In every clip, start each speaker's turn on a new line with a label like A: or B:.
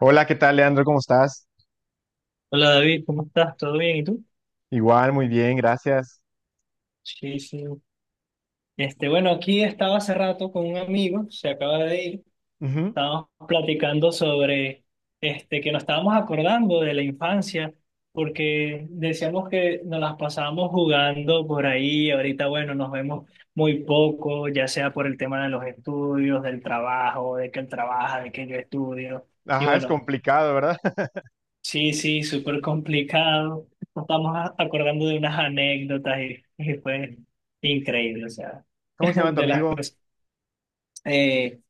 A: Hola, ¿qué tal, Leandro? ¿Cómo estás?
B: Hola David, ¿cómo estás? ¿Todo bien? ¿Y tú?
A: Igual, muy bien, gracias.
B: Sí, sí. Bueno, aquí estaba hace rato con un amigo, se acaba de ir.
A: Ujú.
B: Estábamos platicando sobre que nos estábamos acordando de la infancia, porque decíamos que nos las pasábamos jugando por ahí. Ahorita, bueno, nos vemos muy poco, ya sea por el tema de los estudios, del trabajo, de que él trabaja, de que yo estudio. Y
A: Ajá, es
B: bueno,
A: complicado, ¿verdad?
B: sí, sí, súper complicado. Nos estamos acordando de unas anécdotas y fue increíble, o sea,
A: ¿Cómo se llama tu
B: de las
A: amigo?
B: cosas. Eh,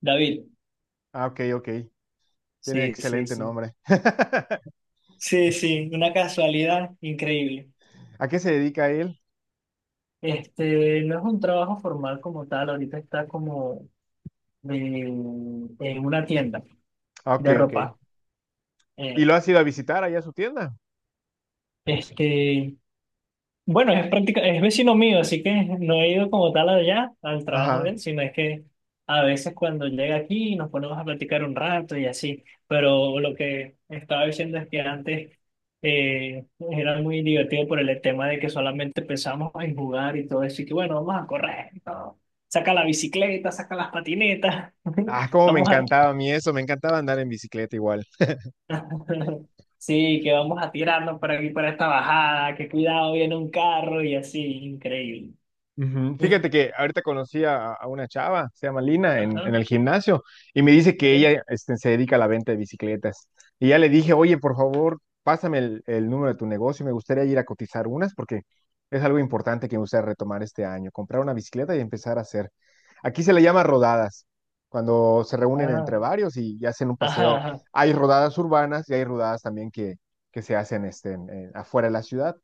B: David,
A: Ah, ok, ok. Tiene
B: sí, sí,
A: excelente
B: sí.
A: nombre.
B: Sí, sí, una casualidad increíble.
A: ¿A qué se dedica él?
B: Este, no es un trabajo formal como tal, ahorita está como de- en una tienda
A: Ah, ok,
B: de
A: ok.
B: ropa.
A: ¿Y
B: Eh,
A: lo has ido a visitar allá a su tienda?
B: este, Bueno, es práctica, es vecino mío, así que no he ido como tal allá al trabajo de
A: Ajá.
B: él, sino es que a veces cuando llega aquí nos ponemos a platicar un rato y así. Pero lo que estaba diciendo es que antes eh, era muy divertido por el tema de que solamente pensamos en jugar y todo eso. Y que bueno, vamos a correr, ¿no? Saca la bicicleta, saca las patinetas,
A: Ah, cómo me
B: vamos a
A: encantaba a mí eso, me encantaba andar en bicicleta igual.
B: sí, que vamos a tirarnos para aquí para esta bajada, que cuidado, viene un carro y así, increíble.
A: Ujú. Fíjate que ahorita conocí a, una chava, se llama Lina,
B: Ajá,
A: en el gimnasio, y me dice que
B: ¿qué?
A: ella este, se dedica a la venta de bicicletas. Y ya le dije, oye, por favor, pásame el número de tu negocio, me gustaría ir a cotizar unas, porque es algo importante que me gustaría retomar este año, comprar una bicicleta y empezar a hacer. Aquí se le llama rodadas, cuando se reúnen entre
B: Ah,
A: varios y hacen un
B: ajá,
A: paseo.
B: ajá.
A: Hay rodadas urbanas y hay rodadas también que se hacen este, afuera de la ciudad.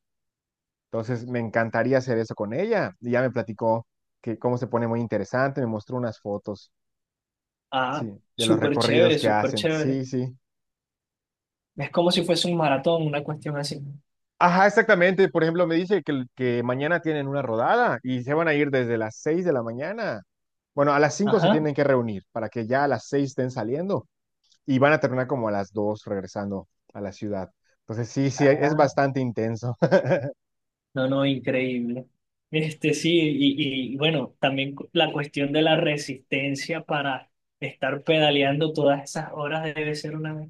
A: Entonces, me encantaría hacer eso con ella. Y ya me platicó que cómo se pone muy interesante, me mostró unas fotos,
B: Ah,
A: sí, de los
B: súper chévere,
A: recorridos que
B: súper
A: hacen.
B: chévere.
A: Sí, sí.
B: Es como si fuese un maratón, una cuestión así.
A: Ajá, exactamente. Por ejemplo, me dice que mañana tienen una rodada y se van a ir desde las 6 de la mañana. Bueno, a las 5 se
B: Ajá.
A: tienen que reunir para que ya a las 6 estén saliendo y van a terminar como a las 2 regresando a la ciudad. Entonces, sí, sí, es
B: Ah,
A: bastante intenso.
B: no, no, increíble. Este sí, y bueno, también la cuestión de la resistencia para estar pedaleando todas esas horas debe ser una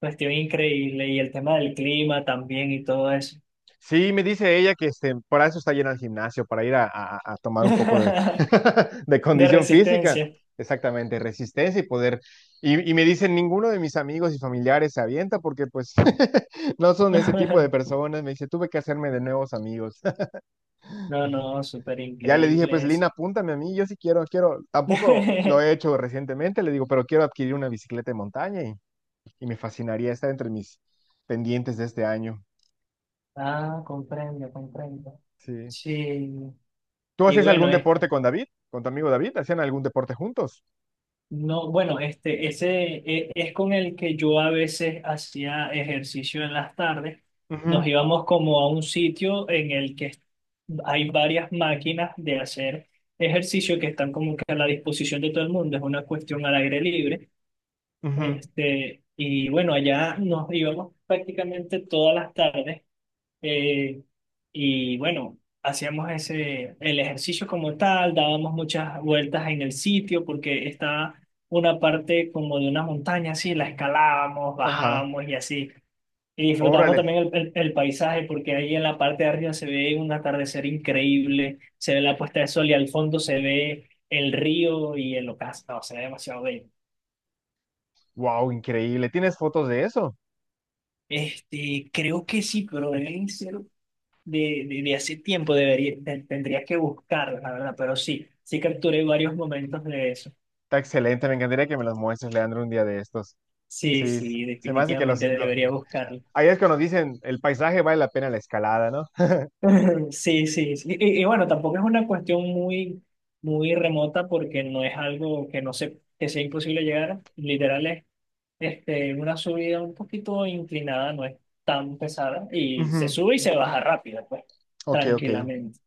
B: cuestión increíble. Y el tema del clima también y todo eso.
A: Sí, me dice ella que este, para eso está llena el gimnasio, para ir a, a tomar un poco de, de
B: De
A: condición física,
B: resistencia.
A: exactamente, resistencia y poder. Y me dicen, ninguno de mis amigos y familiares se avienta, porque pues no son ese tipo de personas. Me dice, tuve que hacerme de nuevos amigos.
B: No, no, súper
A: Ya le dije, pues
B: increíble eso.
A: Lina, apúntame a mí, yo sí quiero, quiero, tampoco lo he hecho recientemente, le digo, pero quiero adquirir una bicicleta de montaña, y me fascinaría estar entre mis pendientes de este año.
B: Ah, comprendo, comprendo.
A: Sí.
B: Sí,
A: ¿Tú
B: y
A: hacías
B: bueno,
A: algún deporte con David? ¿Con tu amigo David? ¿Hacían algún deporte juntos?
B: no, bueno, ese es, con el que yo a veces hacía ejercicio en las tardes. Nos
A: Ujú,
B: íbamos como a un sitio en el que hay varias máquinas de hacer ejercicio que están como que a la disposición de todo el mundo. Es una cuestión al aire libre.
A: ujú.
B: Este, y bueno, allá nos íbamos prácticamente todas las tardes. Eh, y bueno, hacíamos ese, el ejercicio como tal, dábamos muchas vueltas en el sitio porque estaba una parte como de una montaña, así la escalábamos,
A: Ajá.
B: bajábamos y así. Y disfrutábamos
A: Órale.
B: también el paisaje porque ahí en la parte de arriba se ve un atardecer increíble, se ve la puesta de sol y al fondo se ve el río y el ocaso, no, se ve demasiado bello.
A: Wow, increíble. ¿Tienes fotos de eso?
B: Este, creo que sí, pero deben ser de hace tiempo debería, tendría que buscarla, la verdad, pero sí, sí capturé varios momentos de eso.
A: Está excelente. Me encantaría que me las muestres, Leandro, un día de estos.
B: Sí,
A: Sí,
B: sí,
A: se me hace que
B: definitivamente debería buscarla.
A: ahí es cuando dicen, el paisaje vale la pena la escalada, ¿no?
B: Sí, sí, sí. Y bueno, tampoco es una cuestión muy, muy remota porque no es algo que no se, que sea imposible llegar. Literal es una subida un poquito inclinada, no es tan pesada y se
A: Ujú.
B: sube y se baja rápido, pues,
A: Ok, ok.
B: tranquilamente.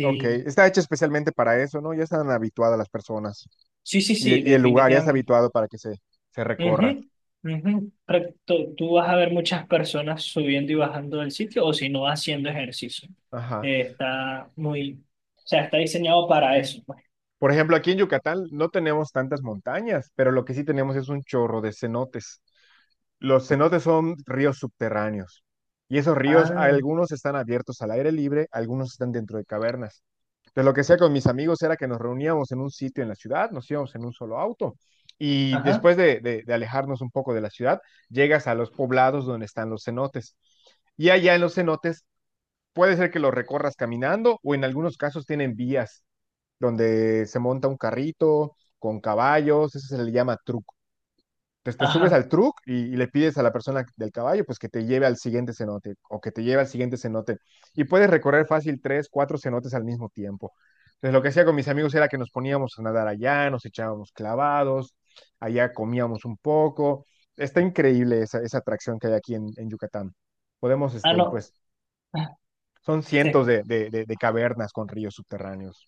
A: Ok. Está hecho especialmente para eso, ¿no? Ya están habituadas las personas.
B: sí, sí, sí,
A: Y el lugar ya está
B: definitivamente.
A: habituado para que se recorra.
B: Ujú, ujú. Pero tú vas a ver muchas personas subiendo y bajando del sitio o si no haciendo ejercicio.
A: Ajá.
B: Está muy, o sea, está diseñado para eso, pues.
A: Por ejemplo, aquí en Yucatán no tenemos tantas montañas, pero lo que sí tenemos es un chorro de cenotes. Los cenotes son ríos subterráneos, y esos ríos,
B: Ah,
A: algunos están abiertos al aire libre, algunos están dentro de cavernas. Entonces, lo que hacía con mis amigos era que nos reuníamos en un sitio en la ciudad, nos íbamos en un solo auto y
B: ajá,
A: después de, de alejarnos un poco de la ciudad, llegas a los poblados donde están los cenotes. Y allá en los cenotes puede ser que los recorras caminando, o en algunos casos tienen vías donde se monta un carrito con caballos, eso se le llama truco. Entonces te subes
B: ajá.
A: al truck y le pides a la persona del caballo pues que te lleve al siguiente cenote o que te lleve al siguiente cenote, y puedes recorrer fácil tres, cuatro cenotes al mismo tiempo. Entonces lo que hacía con mis amigos era que nos poníamos a nadar allá, nos echábamos clavados, allá comíamos un poco. Está increíble esa, esa atracción que hay aquí en Yucatán. Podemos,
B: Ah,
A: este,
B: no.
A: pues,
B: Ah,
A: son cientos
B: se,
A: de de cavernas con ríos subterráneos.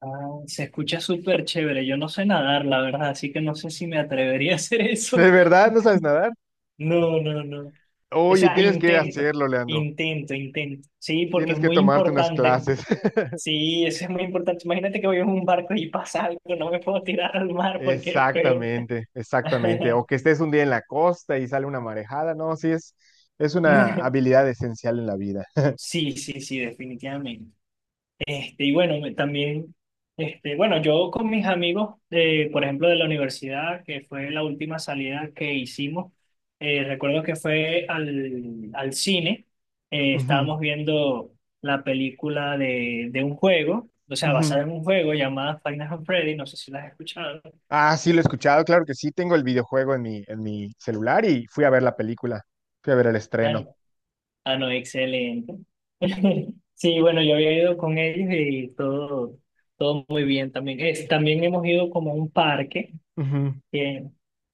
B: ah, se escucha súper chévere. Yo no sé nadar, la verdad, así que no sé si me atrevería a hacer eso.
A: ¿De verdad no sabes nadar?
B: No, no, no. O
A: Oye,
B: sea,
A: tienes que hacerlo, Leandro.
B: intento. Sí, porque es
A: Tienes que
B: muy
A: tomarte unas
B: importante.
A: clases.
B: Sí, eso es muy importante. Imagínate que voy en un barco y pasa algo, no me puedo tirar al mar porque es peor.
A: Exactamente, exactamente. O que estés un día en la costa y sale una marejada. No, sí, es una habilidad esencial en la vida.
B: Sí, sí, sí, definitivamente. Y bueno, también, bueno, yo con mis amigos, por ejemplo, de la universidad, que fue la última salida que hicimos, recuerdo que fue al cine,
A: Ujú,
B: estábamos viendo la película de un juego, o sea, basada
A: ujú.
B: en un juego llamada Final Fantasy Freddy, no sé si la has escuchado.
A: Ah, sí, lo he escuchado. Claro que sí, tengo el videojuego en mi celular, y fui a ver la película. Fui a ver el estreno.
B: Ah, no, excelente. Sí, bueno, yo había ido con ellos y todo, todo muy bien también. Es, también hemos ido como a un parque, que,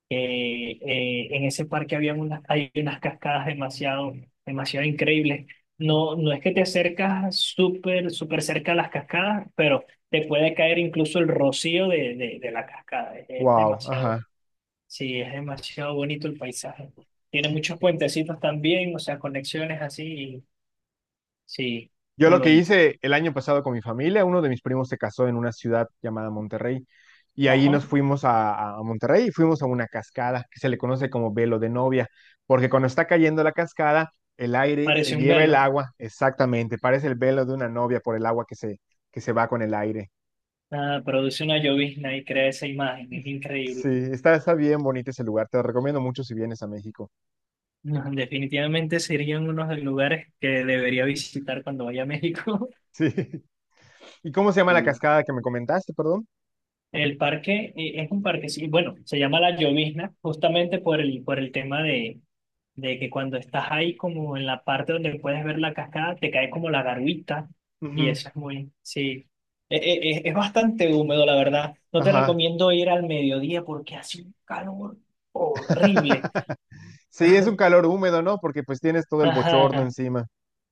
B: en ese parque había unas, hay unas cascadas demasiado, demasiado increíbles. No, no es que te acercas súper, súper cerca a las cascadas, pero te puede caer incluso el rocío de la cascada. Es
A: Wow,
B: demasiado,
A: ajá.
B: sí, es demasiado bonito el paisaje. Tiene muchos puentecitos también, o sea, conexiones así. Sí,
A: Yo
B: muy
A: lo que
B: bonito.
A: hice el año pasado con mi familia, uno de mis primos se casó en una ciudad llamada Monterrey, y ahí
B: Ajá.
A: nos fuimos a Monterrey y fuimos a una cascada que se le conoce como velo de novia, porque cuando está cayendo la cascada, el aire
B: Parece
A: se
B: un
A: lleva el
B: velo.
A: agua, exactamente, parece el velo de una novia por el agua que se va con el aire.
B: Ah, produce una llovizna y crea esa imagen. Es
A: Sí,
B: increíble.
A: está, está bien bonito ese lugar, te lo recomiendo mucho si vienes a México.
B: No, definitivamente serían unos de los lugares que debería visitar cuando vaya a México.
A: Sí. ¿Y cómo se llama la
B: Sí.
A: cascada que me comentaste, perdón?
B: El parque, es un parque, sí, bueno, se llama La Llovizna justamente por por el tema de que cuando estás ahí como en la parte donde puedes ver la cascada, te cae como la garguita y
A: Ujú.
B: eso es muy, sí, es bastante húmedo, la verdad. No te
A: Ajá.
B: recomiendo ir al mediodía porque hace un calor horrible.
A: Sí, es un calor húmedo, ¿no? Porque pues tienes todo el bochorno
B: Ajá,
A: encima.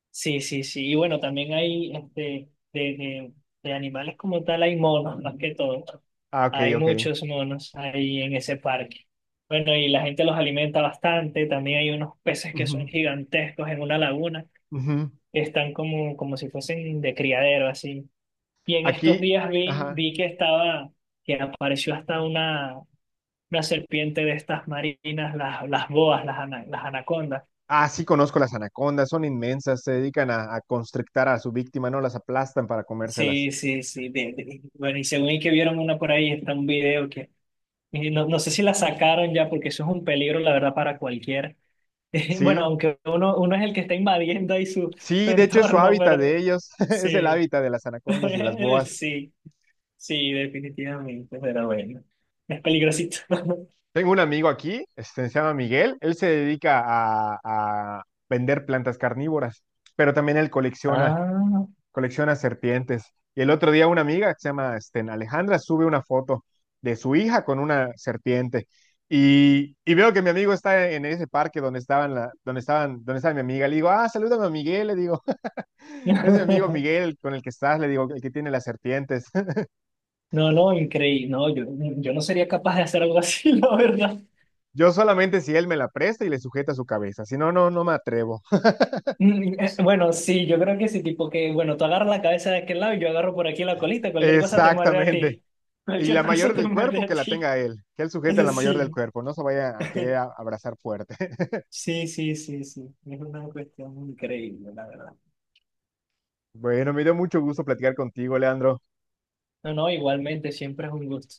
B: sí, sí, sí. Y bueno, también hay de animales como tal, hay monos más que todo.
A: Ah, ok,
B: Hay
A: ok.
B: muchos monos ahí en ese parque. Bueno, y la gente los alimenta bastante. También hay unos peces que son
A: Ujú,
B: gigantescos en una laguna,
A: ujú.
B: que están como, como si fuesen de criadero, así. Y en estos
A: Aquí,
B: días
A: ajá.
B: vi que estaba, que apareció hasta una serpiente de estas marinas, las boas, las anacondas.
A: Ah, sí conozco las anacondas, son inmensas, se dedican a constrictar a su víctima, ¿no? Las aplastan para comérselas.
B: Sí, sí, sí. Bueno, y según y que vieron una por ahí, está un video que y no, no sé si la sacaron ya, porque eso es un peligro, la verdad, para cualquiera. Bueno,
A: Sí,
B: aunque uno es el que está invadiendo ahí su, su
A: sí, de hecho es su
B: entorno, pero
A: hábitat de ellos, es el
B: sí,
A: hábitat de las anacondas y de las boas.
B: sí, sí, definitivamente, pero bueno, es peligrosito.
A: Tengo un amigo aquí, este, se llama Miguel, él se dedica a vender plantas carnívoras, pero también él colecciona
B: Ah,
A: serpientes. Y el otro día una amiga que se llama este, Alejandra sube una foto de su hija con una serpiente. Y veo que mi amigo está en ese parque donde estaban la, donde estaban, donde estaba mi amiga. Le digo, ah, salúdame a Miguel, le digo, es mi amigo Miguel con el que estás, le digo, el que tiene las serpientes.
B: no, no, increíble, no, yo no sería capaz de hacer algo así, la verdad.
A: Yo solamente si él me la presta y le sujeta su cabeza, si no, no, no me atrevo.
B: Mm, bueno, sí, yo creo que sí, tipo que, bueno, tú agarras la cabeza de aquel lado y yo agarro por aquí la colita,
A: Exactamente. Y
B: cualquier
A: la
B: cosa
A: mayor
B: te
A: del
B: muerde
A: cuerpo
B: a
A: que la
B: ti,
A: tenga él, que él sujete la mayor del
B: sí.
A: cuerpo, no se vaya a querer abrazar fuerte.
B: Sí, sí, sí, sí. Es una cuestión increíble, la verdad.
A: Bueno, me dio mucho gusto platicar contigo, Leandro.
B: No, no, igualmente, siempre es un gusto.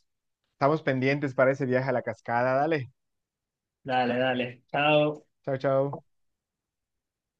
A: Estamos pendientes para ese viaje a la cascada. Dale.
B: Dale, dale. Chao.
A: Chao, chao.